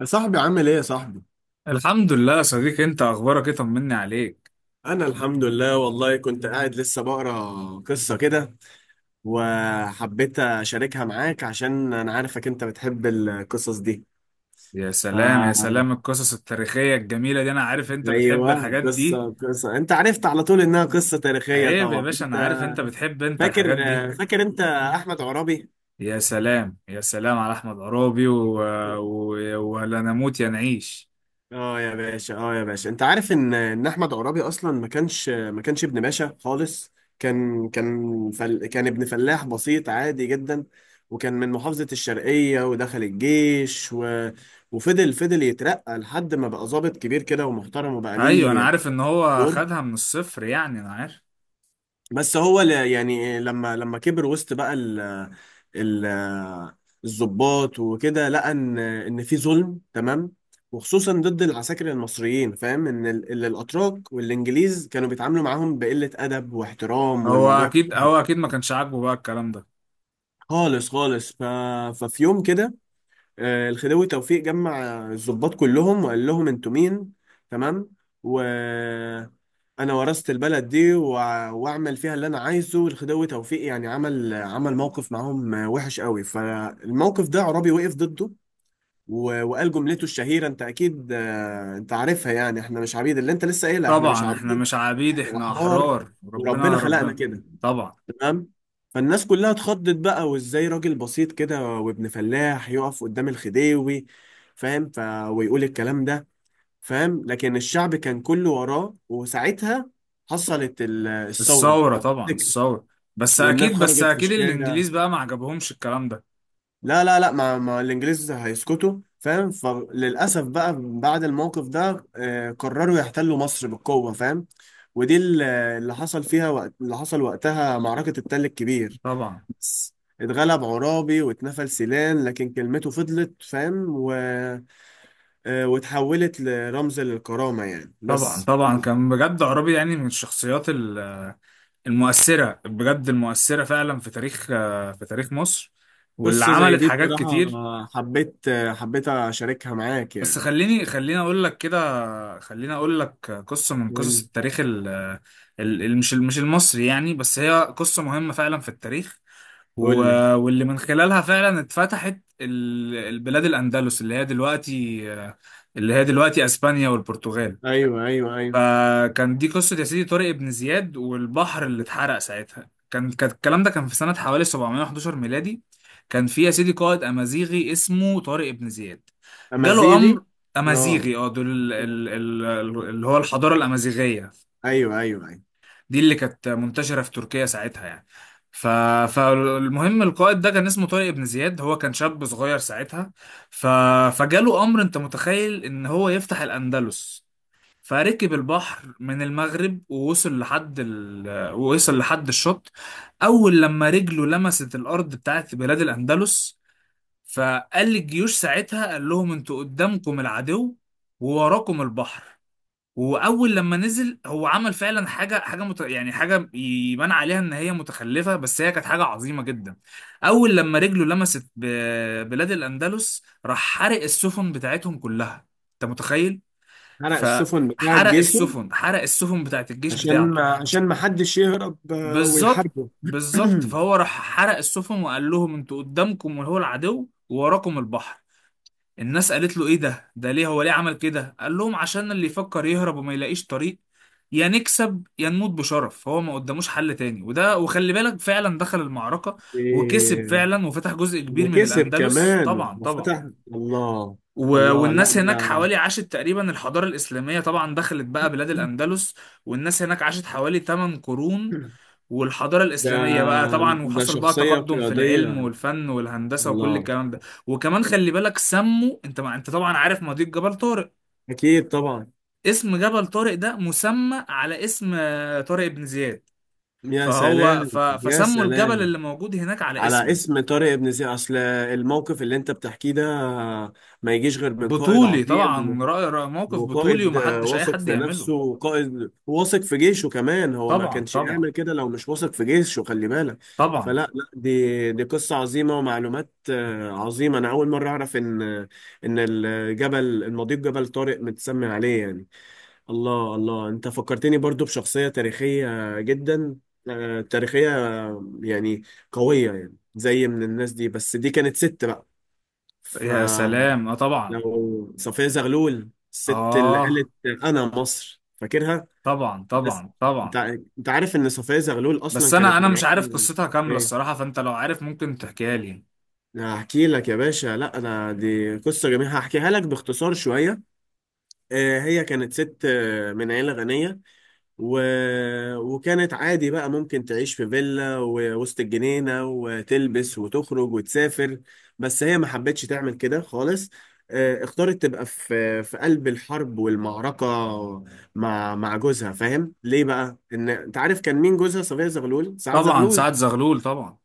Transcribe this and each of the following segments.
يا صاحبي عامل ايه يا صاحبي؟ الحمد لله يا صديقي، انت اخبارك ايه؟ طمني عليك. أنا الحمد لله، والله كنت قاعد لسه بقرا قصة كده، وحبيت أشاركها معاك عشان أنا عارفك أنت بتحب القصص دي. يا ف سلام يا سلام، القصص التاريخية الجميلة دي انا عارف انت بتحب أيوه، الحاجات دي. قصة. أنت عرفت على طول إنها قصة تاريخية عيب يا طبعا. باشا، انا عارف أنت انت بتحب انت فاكر الحاجات دي. فاكر أحمد عرابي؟ يا سلام يا سلام على احمد عرابي و... ولا نموت يا نعيش. اه يا باشا، اه يا باشا، انت عارف ان احمد عرابي اصلا ما كانش ابن باشا خالص. كان ابن فلاح بسيط عادي جدا، وكان من محافظة الشرقية، ودخل الجيش، وفضل يترقى لحد ما بقى ضابط كبير كده ومحترم، وبقى ايوه، انا ليه عارف ان هو دور. خدها من الصفر، يعني انا عارف. بس هو لما كبر وسط بقى ال الضباط وكده، لقى ان في ظلم، تمام، وخصوصا ضد العساكر المصريين، فاهم، ان الاتراك والانجليز كانوا بيتعاملوا معاهم بقلة ادب واحترام، هو والموضوع كان اكيد هو وحش. اكيد ما كانش عاجبه بقى الكلام ده. خالص خالص. ففي يوم كده، الخديوي توفيق جمع الضباط كلهم، وقال لهم انتوا مين؟ تمام. و انا ورثت البلد دي، واعمل فيها اللي انا عايزه. الخديوي توفيق يعني عمل عمل موقف معاهم وحش قوي. فالموقف ده عرابي وقف ضده، وقال جملته الشهيرة. انت اكيد انت عارفها يعني، احنا مش عبيد، اللي انت لسه قايلها، احنا مش طبعا احنا عبيد، مش عبيد، احنا احنا احرار احرار، وربنا ربنا خلقنا ربنا. كده، طبعا تمام. فالناس كلها اتخضت بقى، وازاي راجل بسيط كده وابن فلاح يقف قدام الخديوي، فاهم، ويقول الكلام ده، فاهم. لكن الشعب كان كله وراه، وساعتها حصلت الثورة الثورة، لو طبعا تفتكر. الثورة. بس والناس أكيد، بس خرجت في أكيد الشارع. الإنجليز بقى ما عجبهمش الكلام ده. لا لا لا، ما الانجليز هيسكتوا، فاهم. فللأسف بقى بعد الموقف ده قرروا يحتلوا مصر بالقوة، فاهم. ودي اللي حصل وقتها معركة التل الكبير. طبعا، اتغلب عرابي واتنفل سيلان، لكن كلمته فضلت، فاهم، و... آه، واتحولت لرمز للكرامة يعني. طبعا، بس طبعا. كان بجد عرابي، يعني من الشخصيات المؤثرة، بجد المؤثرة فعلا في تاريخ، في تاريخ مصر، واللي قصة زي عملت دي حاجات بصراحة، كتير. حبيت حبيت أشاركها معاك بس يعني. خليني خليني أقول لك كده خليني أقول لك قصة من قصص قول، التاريخ مش المصري، يعني بس هي قصة مهمة فعلا في التاريخ، و... قول لي. واللي من خلالها فعلا اتفتحت البلاد الأندلس اللي هي دلوقتي أسبانيا والبرتغال. أيوه أيوه أيوه. فكان دي قصة يا سيدي طارق بن زياد والبحر اللي اتحرق ساعتها. كان الكلام ده كان في سنة حوالي 711 ميلادي. كان في يا سيدي قائد أمازيغي اسمه طارق بن زياد. جاله أمازيغي. أمر. آه. أمازيغي، اه، دول اللي هو الحضارة الأمازيغية أيوه أيوه أيوه. دي، اللي كانت منتشرة في تركيا ساعتها يعني. ف... فالمهم القائد ده كان اسمه طارق بن زياد، هو كان شاب صغير ساعتها. ف... فجاله أمر أنت متخيل إن هو يفتح الأندلس. فركب البحر من المغرب ووصل لحد ووصل لحد الشط. أول لما رجله لمست الأرض بتاعت بلاد الأندلس، فقال للجيوش ساعتها، قال لهم أنتوا قدامكم العدو ووراكم البحر. واول لما نزل، هو عمل فعلا يعني حاجه يبان عليها ان هي متخلفه، بس هي كانت حاجه عظيمه جدا. اول لما رجله لمست بلاد الاندلس، راح حرق السفن بتاعتهم كلها. انت متخيل؟ حرق السفن بتاعت فحرق جيشه. السفن حرق السفن بتاعت الجيش عشان بتاعته. ما عشان ما حدش يهرب بالظبط، ويحاربه. بالظبط. فهو راح حرق السفن وقال لهم انتوا قدامكم وهو العدو ووراكم البحر. الناس قالت له ايه ده ده ليه هو ليه عمل كده؟ قال لهم عشان اللي يفكر يهرب وما يلاقيش طريق، يا نكسب يا نموت بشرف. هو ما قداموش حل تاني. وده وخلي بالك، فعلا دخل المعركة وكسب إيه، فعلا وفتح جزء كبير من وكسب الأندلس. كمان طبعا طبعا. وفتح. الله. الله، لا والناس هناك ده حوالي عاشت تقريبا، الحضارة الإسلامية طبعا دخلت بقى بلاد الأندلس، والناس هناك عاشت حوالي 8 قرون، والحضارة ده الإسلامية بقى طبعا، ده وحصل بقى شخصية تقدم في العلم قيادية. والفن والهندسة وكل الله. الكلام ده. وكمان خلي بالك سموا، انت ما انت طبعا عارف مضيق جبل طارق. أكيد طبعا. اسم جبل طارق ده مسمى على اسم طارق بن زياد. يا فهو سلام. يا فسموا الجبل سلام، اللي موجود هناك على على اسمه. اسم طارق بن زياد. أصل الموقف اللي أنت بتحكيه ده ما يجيش غير من قائد بطولي طبعا، عظيم. رأي موقف هو بطولي قائد ومحدش أي واثق حد في يعمله. نفسه، وقائد واثق في جيشه كمان. هو ما طبعا، كانش يعمل طبعا، كده لو مش واثق في جيشه، خلي بالك. فلا طبعا. لا دي دي قصة عظيمة، ومعلومات عظيمة. أنا أول مرة أعرف إن الجبل، المضيق جبل طارق، متسمي عليه يعني. الله الله، أنت فكرتني برضو بشخصية تاريخية جدا، تاريخية، يعني قوية يعني، زي من الناس دي، بس دي كانت ست بقى. ف يا سلام اه طبعا. لو صفية زغلول، الست اللي اه قالت انا مصر، فاكرها. طبعا. بس طبعا انت طبعا. انت عارف ان صفية زغلول اصلا بس انا كانت انا من مش عارف عيلة؟ قصتها كامله ايه، الصراحه، فانت لو عارف ممكن تحكيها لي. هحكي لك يا باشا. لا انا دي قصة جميلة، هحكيها لك باختصار شوية. هي كانت ست من عيلة غنية، و... وكانت عادي بقى ممكن تعيش في فيلا ووسط الجنينة، وتلبس وتخرج وتسافر. بس هي ما حبتش تعمل كده خالص. اختارت تبقى في قلب الحرب والمعركة مع جوزها، فاهم. ليه بقى؟ ان انت عارف كان مين جوزها؟ صفية زغلول سعد طبعا زغلول. سعد زغلول طبعا.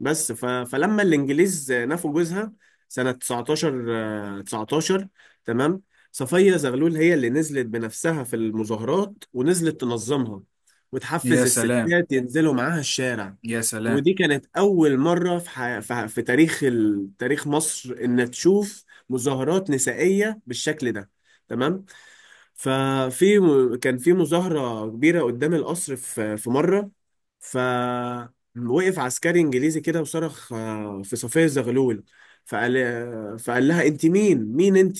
بس فلما الانجليز نفوا جوزها سنة 19، 19، تمام. صفية زغلول هي اللي نزلت بنفسها في المظاهرات، ونزلت تنظمها، يا وتحفز سلام، الستات ينزلوا معاها الشارع. يا سلام. ودي كانت أول مرة في تاريخ، تاريخ مصر، إن تشوف مظاهرات نسائية بالشكل ده، تمام. ففي كان في مظاهرة كبيرة قدام القصر في مرة. ف وقف عسكري انجليزي كده، وصرخ في صفية زغلول. فقال لها انت مين؟ مين انت؟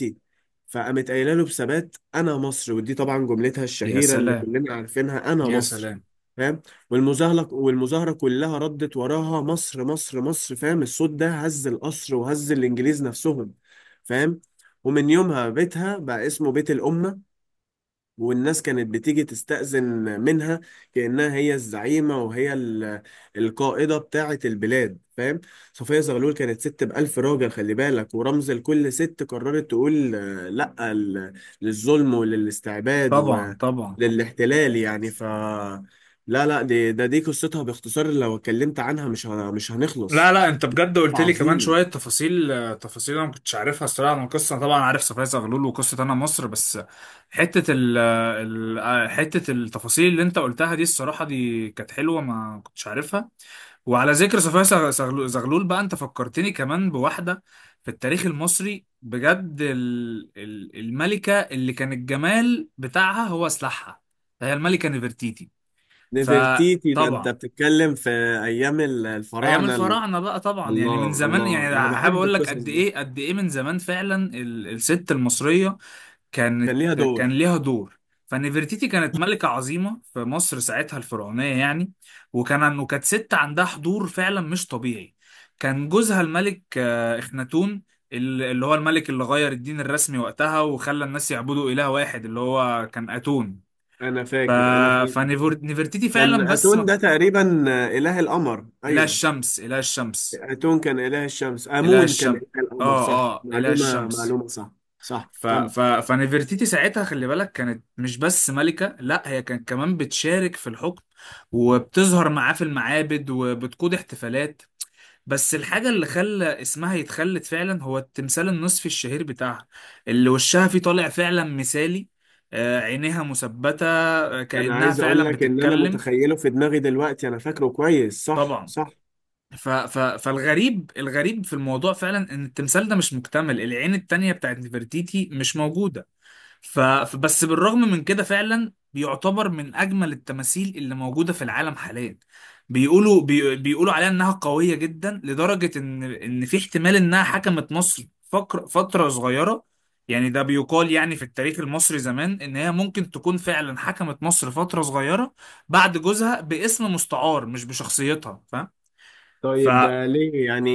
فقامت قايله له بثبات، انا مصر. ودي طبعا جملتها يا الشهيره اللي سلام، كلنا عارفينها، انا يا مصر، سلام. فاهم. والمظاهره كلها ردت وراها، مصر مصر مصر، فاهم. الصوت ده هز القصر وهز الانجليز نفسهم، فاهم. ومن يومها بيتها بقى اسمه بيت الأمة، والناس كانت بتيجي تستأذن منها، كأنها هي الزعيمة وهي القائدة بتاعة البلاد، فاهم. صفية زغلول كانت ست بألف راجل، خلي بالك، ورمز لكل ست قررت تقول لأ للظلم وللاستعباد طبعا طبعا. وللاحتلال يعني. لا لا، دي قصتها باختصار. لو اتكلمت عنها مش مش لا هنخلص. لا، انت بجد قلت لي كمان عظيمة. شويه تفاصيل، تفاصيل انا ما كنتش عارفها الصراحه. انا القصه طبعا عارف، صفايا زغلول وقصه انا مصر، بس حته حته التفاصيل اللي انت قلتها دي الصراحه دي كانت حلوه، ما كنتش عارفها. وعلى ذكر صفية زغلول بقى، انت فكرتني كمان بواحدة في التاريخ المصري، بجد الملكة اللي كان الجمال بتاعها هو سلاحها، هي الملكة نفرتيتي. نفرتيتي؟ ده انت فطبعا، بتتكلم في ايام ايام الفراعنة، الفراعنة بقى طبعا، يعني الله من زمان، الله، يعني انا حابب بحب اقول لك القصص قد دي. ايه قد ايه من زمان فعلا الست المصرية كان كانت، ليها كان دور. ليها دور. فنفرتيتي كانت ملكة عظيمة في مصر ساعتها الفرعونية يعني. وكانت ست عندها حضور فعلا مش طبيعي. كان جوزها الملك اخناتون، اللي هو الملك اللي غير الدين الرسمي وقتها وخلى الناس يعبدوا إله واحد اللي هو كان أتون. انا ف... فاكر، انا فاكر. فنفرتيتي كان فعلا بس ما اتون كان- ده تقريبا اله القمر، إله ايوه. الشمس، إله الشمس. اتون كان اله الشمس، إله امون كان الشمس، اله القمر، آه. صح. آه إله معلومه الشمس. معلومه صح. صح كم. فنفرتيتي ساعتها خلي بالك كانت مش بس ملكة، لا هي كانت كمان بتشارك في الحكم وبتظهر معاه في المعابد وبتقود احتفالات. بس الحاجة اللي خلى اسمها يتخلد فعلا هو التمثال النصفي الشهير بتاعها، اللي وشها فيه طالع فعلا مثالي، عينيها مثبتة، انا كأنها عايز اقول فعلا لك ان انا بتتكلم. متخيله في دماغي دلوقتي، انا فاكره كويس، صح طبعا. صح. فالغريب في الموضوع فعلا ان التمثال ده مش مكتمل، العين التانية بتاعت نفرتيتي مش موجودة. فبس بالرغم من كده فعلا بيعتبر من اجمل التماثيل اللي موجوده في العالم حاليا. بيقولوا عليها انها قويه جدا لدرجه ان في احتمال انها حكمت مصر فتره صغيره. يعني ده بيقال، يعني في التاريخ المصري زمان ان هي ممكن تكون فعلا حكمت مصر فتره صغيره بعد جوزها، باسم مستعار مش بشخصيتها، فاهم؟ ف... طيب، ده ليه يعني؟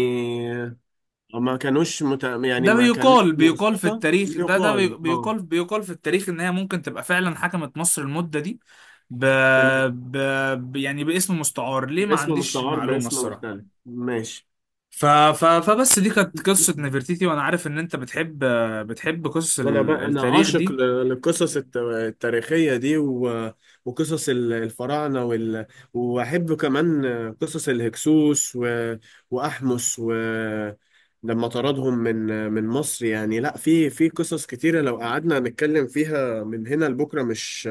ما كانوش مت... يعني ده ما كانتش بيقال في موثقه، التاريخ، ده ده يقال، بي- اه. بيقال بيقال في التاريخ ان هي ممكن تبقى فعلا حكمت مصر المدة دي. ب... تمام. ب... يعني باسم مستعار، ليه؟ ما باسم عنديش مستعار، المعلومة باسم الصراحة. مختلف، ماشي. فبس دي كانت قصة نفرتيتي. وانا عارف ان انت بتحب قصص انا بقى، انا التاريخ عاشق دي. للقصص التاريخيه دي، وقصص الفراعنه، واحب كمان قصص الهكسوس، واحمس، لما طردهم من مصر يعني. لا، في قصص كتيره، لو قعدنا نتكلم فيها من هنا لبكره مش،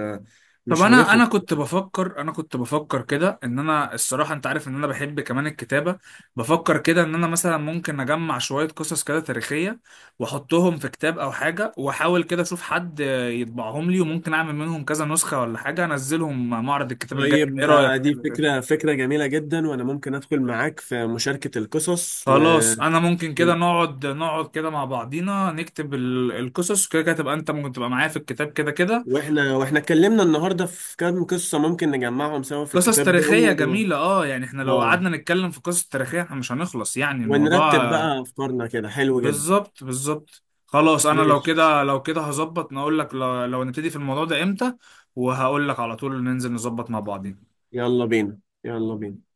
طب مش انا هنخلص. كنت بفكر، انا كنت بفكر كده ان انا الصراحه، انت عارف ان انا بحب كمان الكتابه، بفكر كده ان انا مثلا ممكن اجمع شويه قصص كده تاريخيه واحطهم في كتاب او حاجه، واحاول كده اشوف حد يطبعهم لي، وممكن اعمل منهم كذا نسخه ولا حاجه، انزلهم معرض الكتاب الجاي. طيب، ايه رايك ده في دي كده؟ فكره، فكره جميله جدا، وانا ممكن ادخل معاك في مشاركه القصص. خلاص انا ممكن كده نقعد كده مع بعضينا نكتب القصص، وكده تبقى انت ممكن تبقى معايا في الكتاب كده كده. واحنا اتكلمنا النهارده في كام قصة ممكن نجمعهم سوا في قصص الكتاب ده، تاريخية جميلة اه، يعني احنا لو اه، قعدنا نتكلم في قصص تاريخية احنا مش هنخلص يعني الموضوع ونرتب بقى افكارنا كده، حلو جدا. بالظبط، بالظبط. خلاص انا لو ماشي. كده، لو كده هظبط نقول لك لو نبتدي في الموضوع ده امتى، وهقول لك على طول ننزل نظبط مع بعضين. يلا بينا، يلا بينا.